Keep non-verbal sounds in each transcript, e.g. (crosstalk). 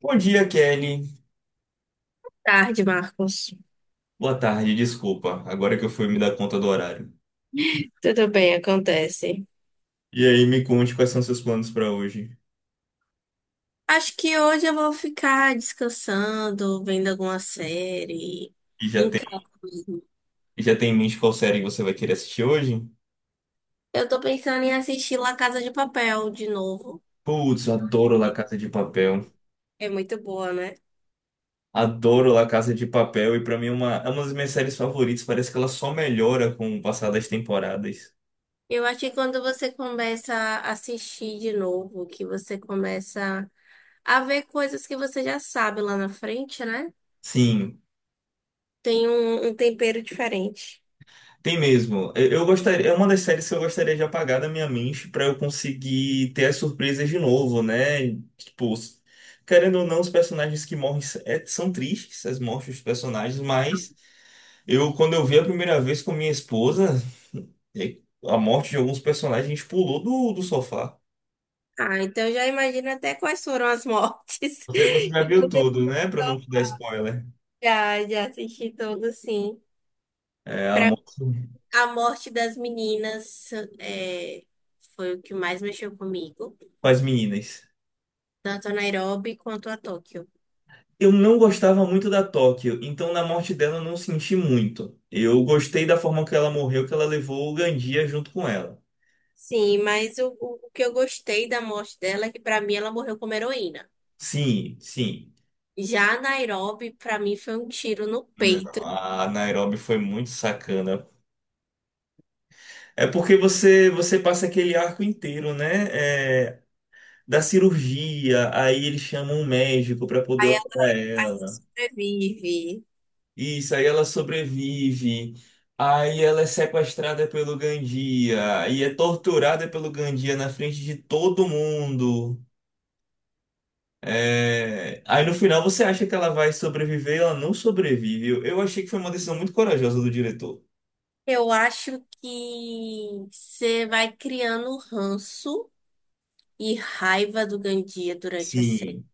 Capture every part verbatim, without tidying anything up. Bom dia, Kelly. Tarde, Marcos. Boa tarde, desculpa. Agora que eu fui me dar conta do horário. Tudo bem, acontece. E aí, me conte quais são seus planos pra hoje. Acho que hoje eu vou ficar descansando, vendo alguma série, E já em casa tem, mesmo. já tem em mente qual série você vai querer assistir hoje? Eu tô pensando em assistir La Casa de Papel de novo. Putz, eu adoro La Casa de Papel. É muito boa, né? Adoro La Casa de Papel e pra mim é uma, é uma das minhas séries favoritas. Parece que ela só melhora com o passar das temporadas. Eu acho que quando você começa a assistir de novo, que você começa a ver coisas que você já sabe lá na frente, né? Sim. Tem um, um tempero diferente. Tem mesmo. Eu eu gostaria, é uma das séries que eu gostaria de apagar da minha mente para eu conseguir ter as surpresas de novo, né? Tipo, s- querendo ou não, os personagens que morrem s- é- são tristes, as mortes dos personagens, mas eu, quando eu vi a primeira vez com minha esposa, e- a morte de alguns personagens, a gente pulou do, do sofá. Ah, então já imagino até quais foram as mortes. (laughs) Você, você já que viu você. tudo, né? Para não te dar spoiler. Já, já assisti todo, sim. É, a morte A morte das meninas é, foi o que mais mexeu comigo, com as meninas. tanto a Nairobi quanto a Tóquio. Eu não gostava muito da Tóquio, então na morte dela eu não senti muito. Eu gostei da forma que ela morreu, que ela levou o Gandia junto com ela. Sim, mas o, o o que eu gostei da morte dela é que, pra mim, ela morreu como heroína. Sim, sim. Já a Nairobi, pra mim, foi um tiro no Não, peito. a Nairobi foi muito sacana. É porque você você passa aquele arco inteiro, né? É, da cirurgia, aí eles chamam um médico para poder Aí ela operar ela. sobrevive. Isso, aí ela sobrevive. Aí ela é sequestrada pelo Gandia e é torturada pelo Gandia na frente de todo mundo. É, aí no final você acha que ela vai sobreviver, ela não sobrevive. Eu eu achei que foi uma decisão muito corajosa do diretor. Eu acho que você vai criando ranço e raiva do Gandia durante a série, Sim.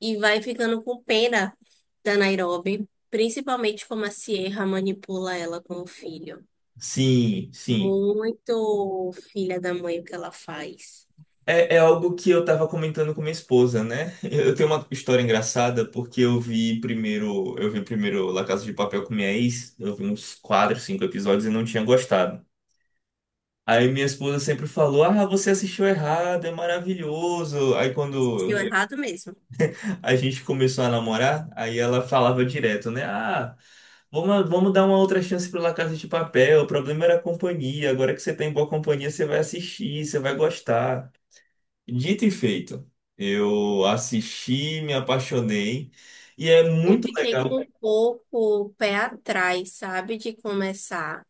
e vai ficando com pena da Nairobi, principalmente como a Sierra manipula ela com o filho. Sim, sim. Muito filha da mãe o que ela faz. É, é algo que eu tava comentando com minha esposa, né? (laughs) Eu tenho uma história engraçada porque eu vi primeiro, eu vi primeiro La Casa de Papel com minha ex, eu vi uns quatro, cinco episódios e não tinha gostado. Aí minha esposa sempre falou: "Ah, você assistiu errado, é maravilhoso". Aí quando Deu errado mesmo. a gente começou a namorar, aí ela falava direto, né? Ah, vamos, vamos dar uma outra chance pro La Casa de Papel. O problema era a companhia. Agora que você tem boa companhia, você vai assistir, você vai gostar. Dito e feito, eu assisti, me apaixonei. E é Eu muito fiquei com legal. um pouco o pé atrás, sabe, de começar.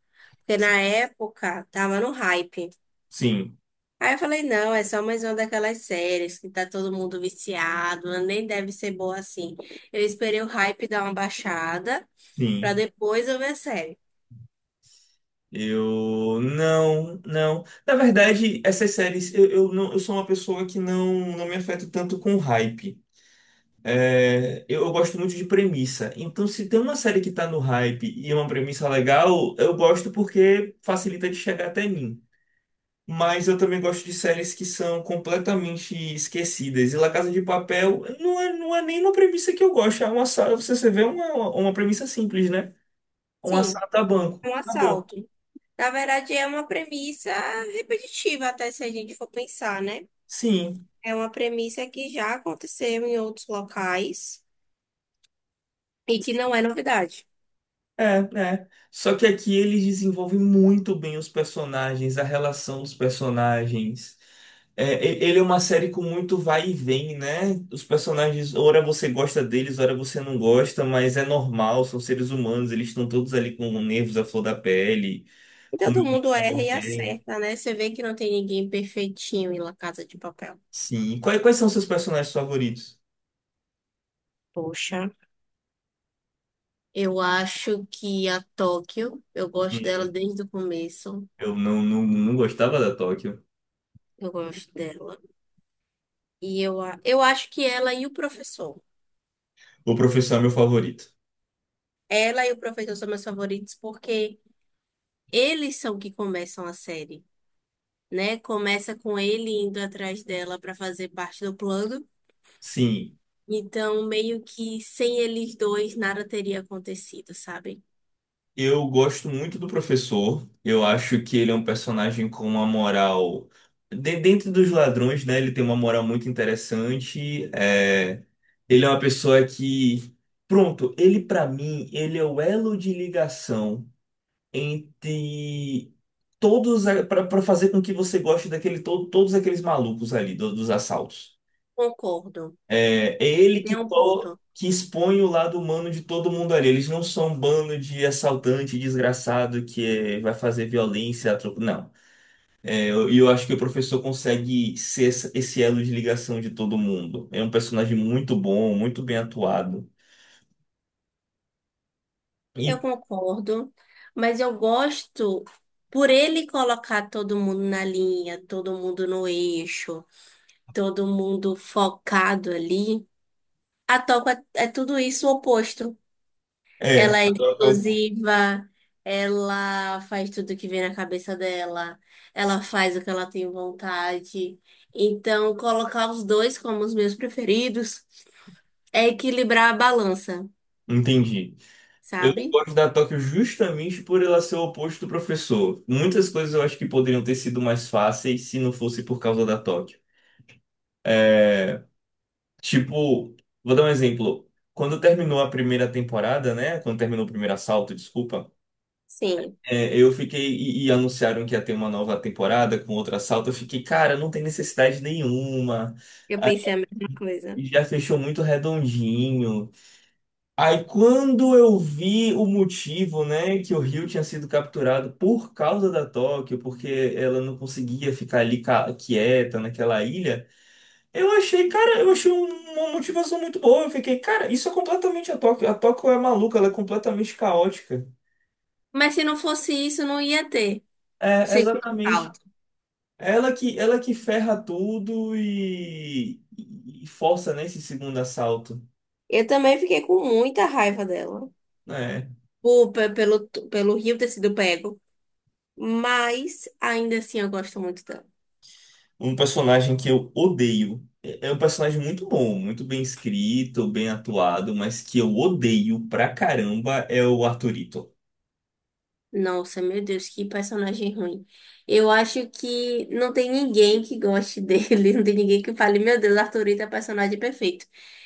Porque na época tava no hype. Sim, Aí eu falei, não, é só mais uma daquelas séries que tá todo mundo viciado, ela nem deve ser boa assim. Eu esperei o hype dar uma baixada pra sim. depois eu ver a série. Eu não, não. Na verdade, essas séries, eu, eu não, eu sou uma pessoa que não, não me afeto tanto com hype. É, eu, eu gosto muito de premissa. Então, se tem uma série que tá no hype e é uma premissa legal, eu gosto porque facilita de chegar até mim. Mas eu também gosto de séries que são completamente esquecidas. E La Casa de Papel não é, não é nem uma premissa que eu gosto. É uma, sa- você, você vê uma, uma uma premissa simples, né? Um Sim, assalto a banco. um Acabou. assalto. Na verdade, é uma premissa repetitiva, até se a gente for pensar, né? Sim. É uma premissa que já aconteceu em outros locais e que não é novidade. É, né? Só que aqui eles desenvolvem muito bem os personagens, a relação dos personagens. É, e- ele é uma série com muito vai e vem, né? Os personagens, ora você gosta deles, ora você não gosta, mas é normal, são seres humanos, eles estão todos ali com nervos à flor da pele, E como todo mundo erra e é. acerta, né? Você vê que não tem ninguém perfeitinho em La Casa de Papel. Sim. Quais, quais são seus personagens favoritos? Poxa, eu acho que a Tóquio, eu gosto dela Hum. desde o começo. Eu não, não, não gostava da Tóquio. Eu gosto dela. E eu, a- eu acho que ela e o professor. O professor é meu favorito. Ela e o professor são meus favoritos porque eles são que começam a série, né? Começa com ele indo atrás dela para fazer parte do plano. Sim. Então, meio que sem eles dois, nada teria acontecido, sabe? Eu gosto muito do professor. Eu acho que ele é um personagem com uma moral. De- dentro dos ladrões, né? Ele tem uma moral muito interessante. É. Ele é uma pessoa que. Pronto, ele pra mim, ele é o elo de ligação entre todos. Para fazer com que você goste daquele, to- todos aqueles malucos ali, do- dos assaltos. Concordo. É, é ele Tem que, um to- ponto. que expõe o lado humano de todo mundo ali. Eles não são um bando de assaltante desgraçado que é, vai fazer violência. a troco- Não. É, eu- e eu, acho que o professor consegue ser essa- esse elo de ligação de todo mundo. É um personagem muito bom, muito bem atuado. Eu E concordo, mas eu gosto por ele colocar todo mundo na linha, todo mundo no eixo, todo mundo focado ali. A toca é, é tudo isso o oposto. é, Ela é a Tóquio, explosiva, ela faz tudo que vem na cabeça dela, ela faz o que ela tem vontade. Então, colocar os dois como os meus preferidos é equilibrar a balança, eu entendi. Eu não sabe? gosto da Tóquio justamente por ela ser o oposto do professor. Muitas coisas eu acho que poderiam ter sido mais fáceis se não fosse por causa da Tóquio. É. Tipo, vou dar um exemplo. Quando terminou a primeira temporada, né? Quando terminou o primeiro assalto, desculpa. Sim, É, eu fiquei. E, e anunciaram que ia ter uma nova temporada com outro assalto. Eu fiquei, cara, não tem necessidade nenhuma. eu pensei a mesma coisa. E já fechou muito redondinho. Aí quando eu vi o motivo, né? Que o Rio tinha sido capturado por causa da Tóquio, porque ela não conseguia ficar ali ca- quieta naquela ilha. Eu achei, cara, eu achei um- uma motivação muito boa. Eu fiquei, cara, isso é completamente a Tóquio. A Tóquio é maluca, ela é completamente caótica. Mas se não fosse isso, não ia ter É, segundo exatamente. salto. Ela que, ela que ferra tudo e, e força nesse segundo assalto. Eu também fiquei com muita raiva dela, Né. por, pe- pelo, pelo Rio ter sido pego, mas ainda assim eu gosto muito dela. Um personagem que eu odeio. É é um personagem muito bom, muito bem escrito, bem atuado, mas que eu odeio pra caramba é o Arthurito. Nossa, meu Deus, que personagem ruim. Eu acho que não tem ninguém que goste dele, (laughs) não tem ninguém que fale, meu Deus, Arthurito é o personagem perfeito.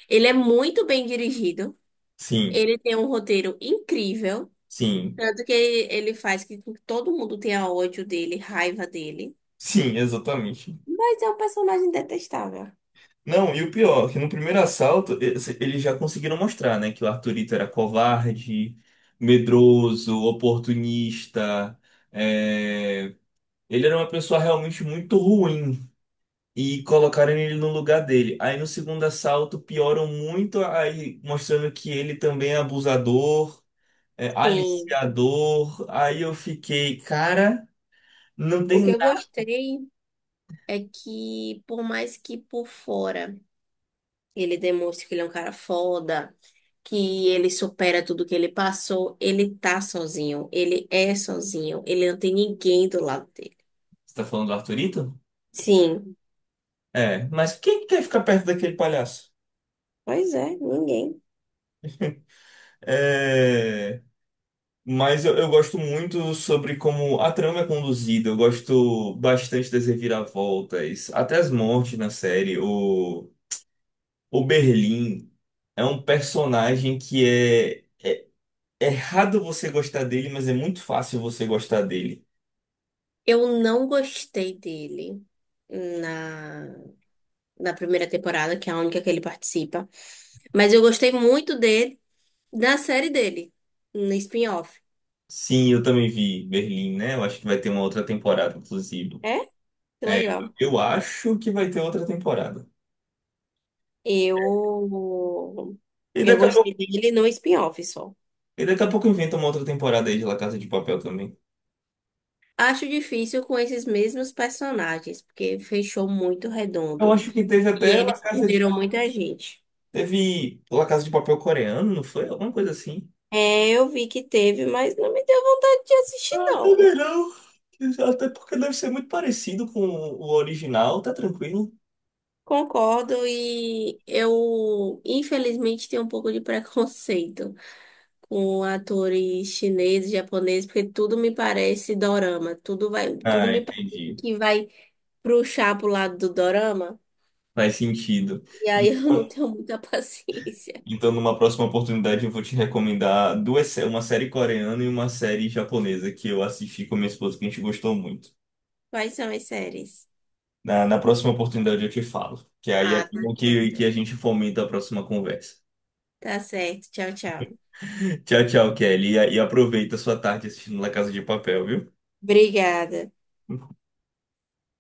Ele é muito bem dirigido, Sim, ele tem um roteiro incrível, sim, tanto que ele, ele faz que todo mundo tenha ódio dele, raiva dele, sim, exatamente. mas é um personagem detestável. Não, e o pior, que no primeiro assalto esse- eles já conseguiram mostrar, né, que o Arthurito era covarde, medroso, oportunista. É, ele era uma pessoa realmente muito ruim e colocaram ele no lugar dele. Aí no segundo assalto pioram muito, aí mostrando que ele também é abusador, é Sim, aliciador. Aí eu fiquei, cara, não o tem que eu nada. gostei é que, por mais que por fora ele demonstre que ele é um cara foda, que ele supera tudo que ele passou, ele tá sozinho, ele é sozinho, ele não tem ninguém do lado dele. Você tá falando do Arthurito? Sim, É, mas quem quer ficar perto daquele palhaço? pois é, ninguém. É. Mas eu, eu gosto muito sobre como a trama é conduzida. Eu gosto bastante das reviravoltas, até as mortes na série. O, o Berlim é um personagem que é é errado você gostar dele, mas é muito fácil você gostar dele. Eu não gostei dele na, na primeira temporada, que é a única que ele participa, mas eu gostei muito dele na série dele, no spin-off. Sim, eu também vi Berlim, né? Eu acho que vai ter uma outra temporada, inclusive. É? Que É, legal. eu acho que vai ter outra temporada. Eu, E eu daqui a pouco, gostei dele no spin-off só. e daqui a pouco inventa uma outra temporada aí de La Casa de Papel também. Acho difícil com esses mesmos personagens, porque fechou muito Eu redondo. acho que teve E até La eles Casa de… perderam muita gente. Teve La Casa de Papel coreano, não foi? Alguma coisa assim. É, eu vi que teve, mas não me deu vontade de assistir, Ah, não. também não. Até porque deve ser muito parecido com o original, tá tranquilo. Concordo, e eu, infelizmente, tenho um pouco de preconceito (laughs) com atores chineses, japoneses, porque tudo me parece dorama. Tudo vai, tudo Ah, me parece entendi. que vai puxar pro lado do dorama. Faz sentido. E aí (laughs) eu não Então, tenho muita (laughs) paciência. então, numa próxima oportunidade, eu vou te recomendar duas, sé- uma série coreana e uma série japonesa que eu assisti com minha esposa, que a gente gostou muito. Quais são as séries? Na, na próxima oportunidade, eu te falo. Que aí é Ah, tá bom que, que certo. a gente fomenta a próxima conversa. Tá certo. Tchau, tchau. (laughs) Tchau, tchau, Kelly. E, e aproveita a sua tarde assistindo La Casa de Papel, viu? Obrigada.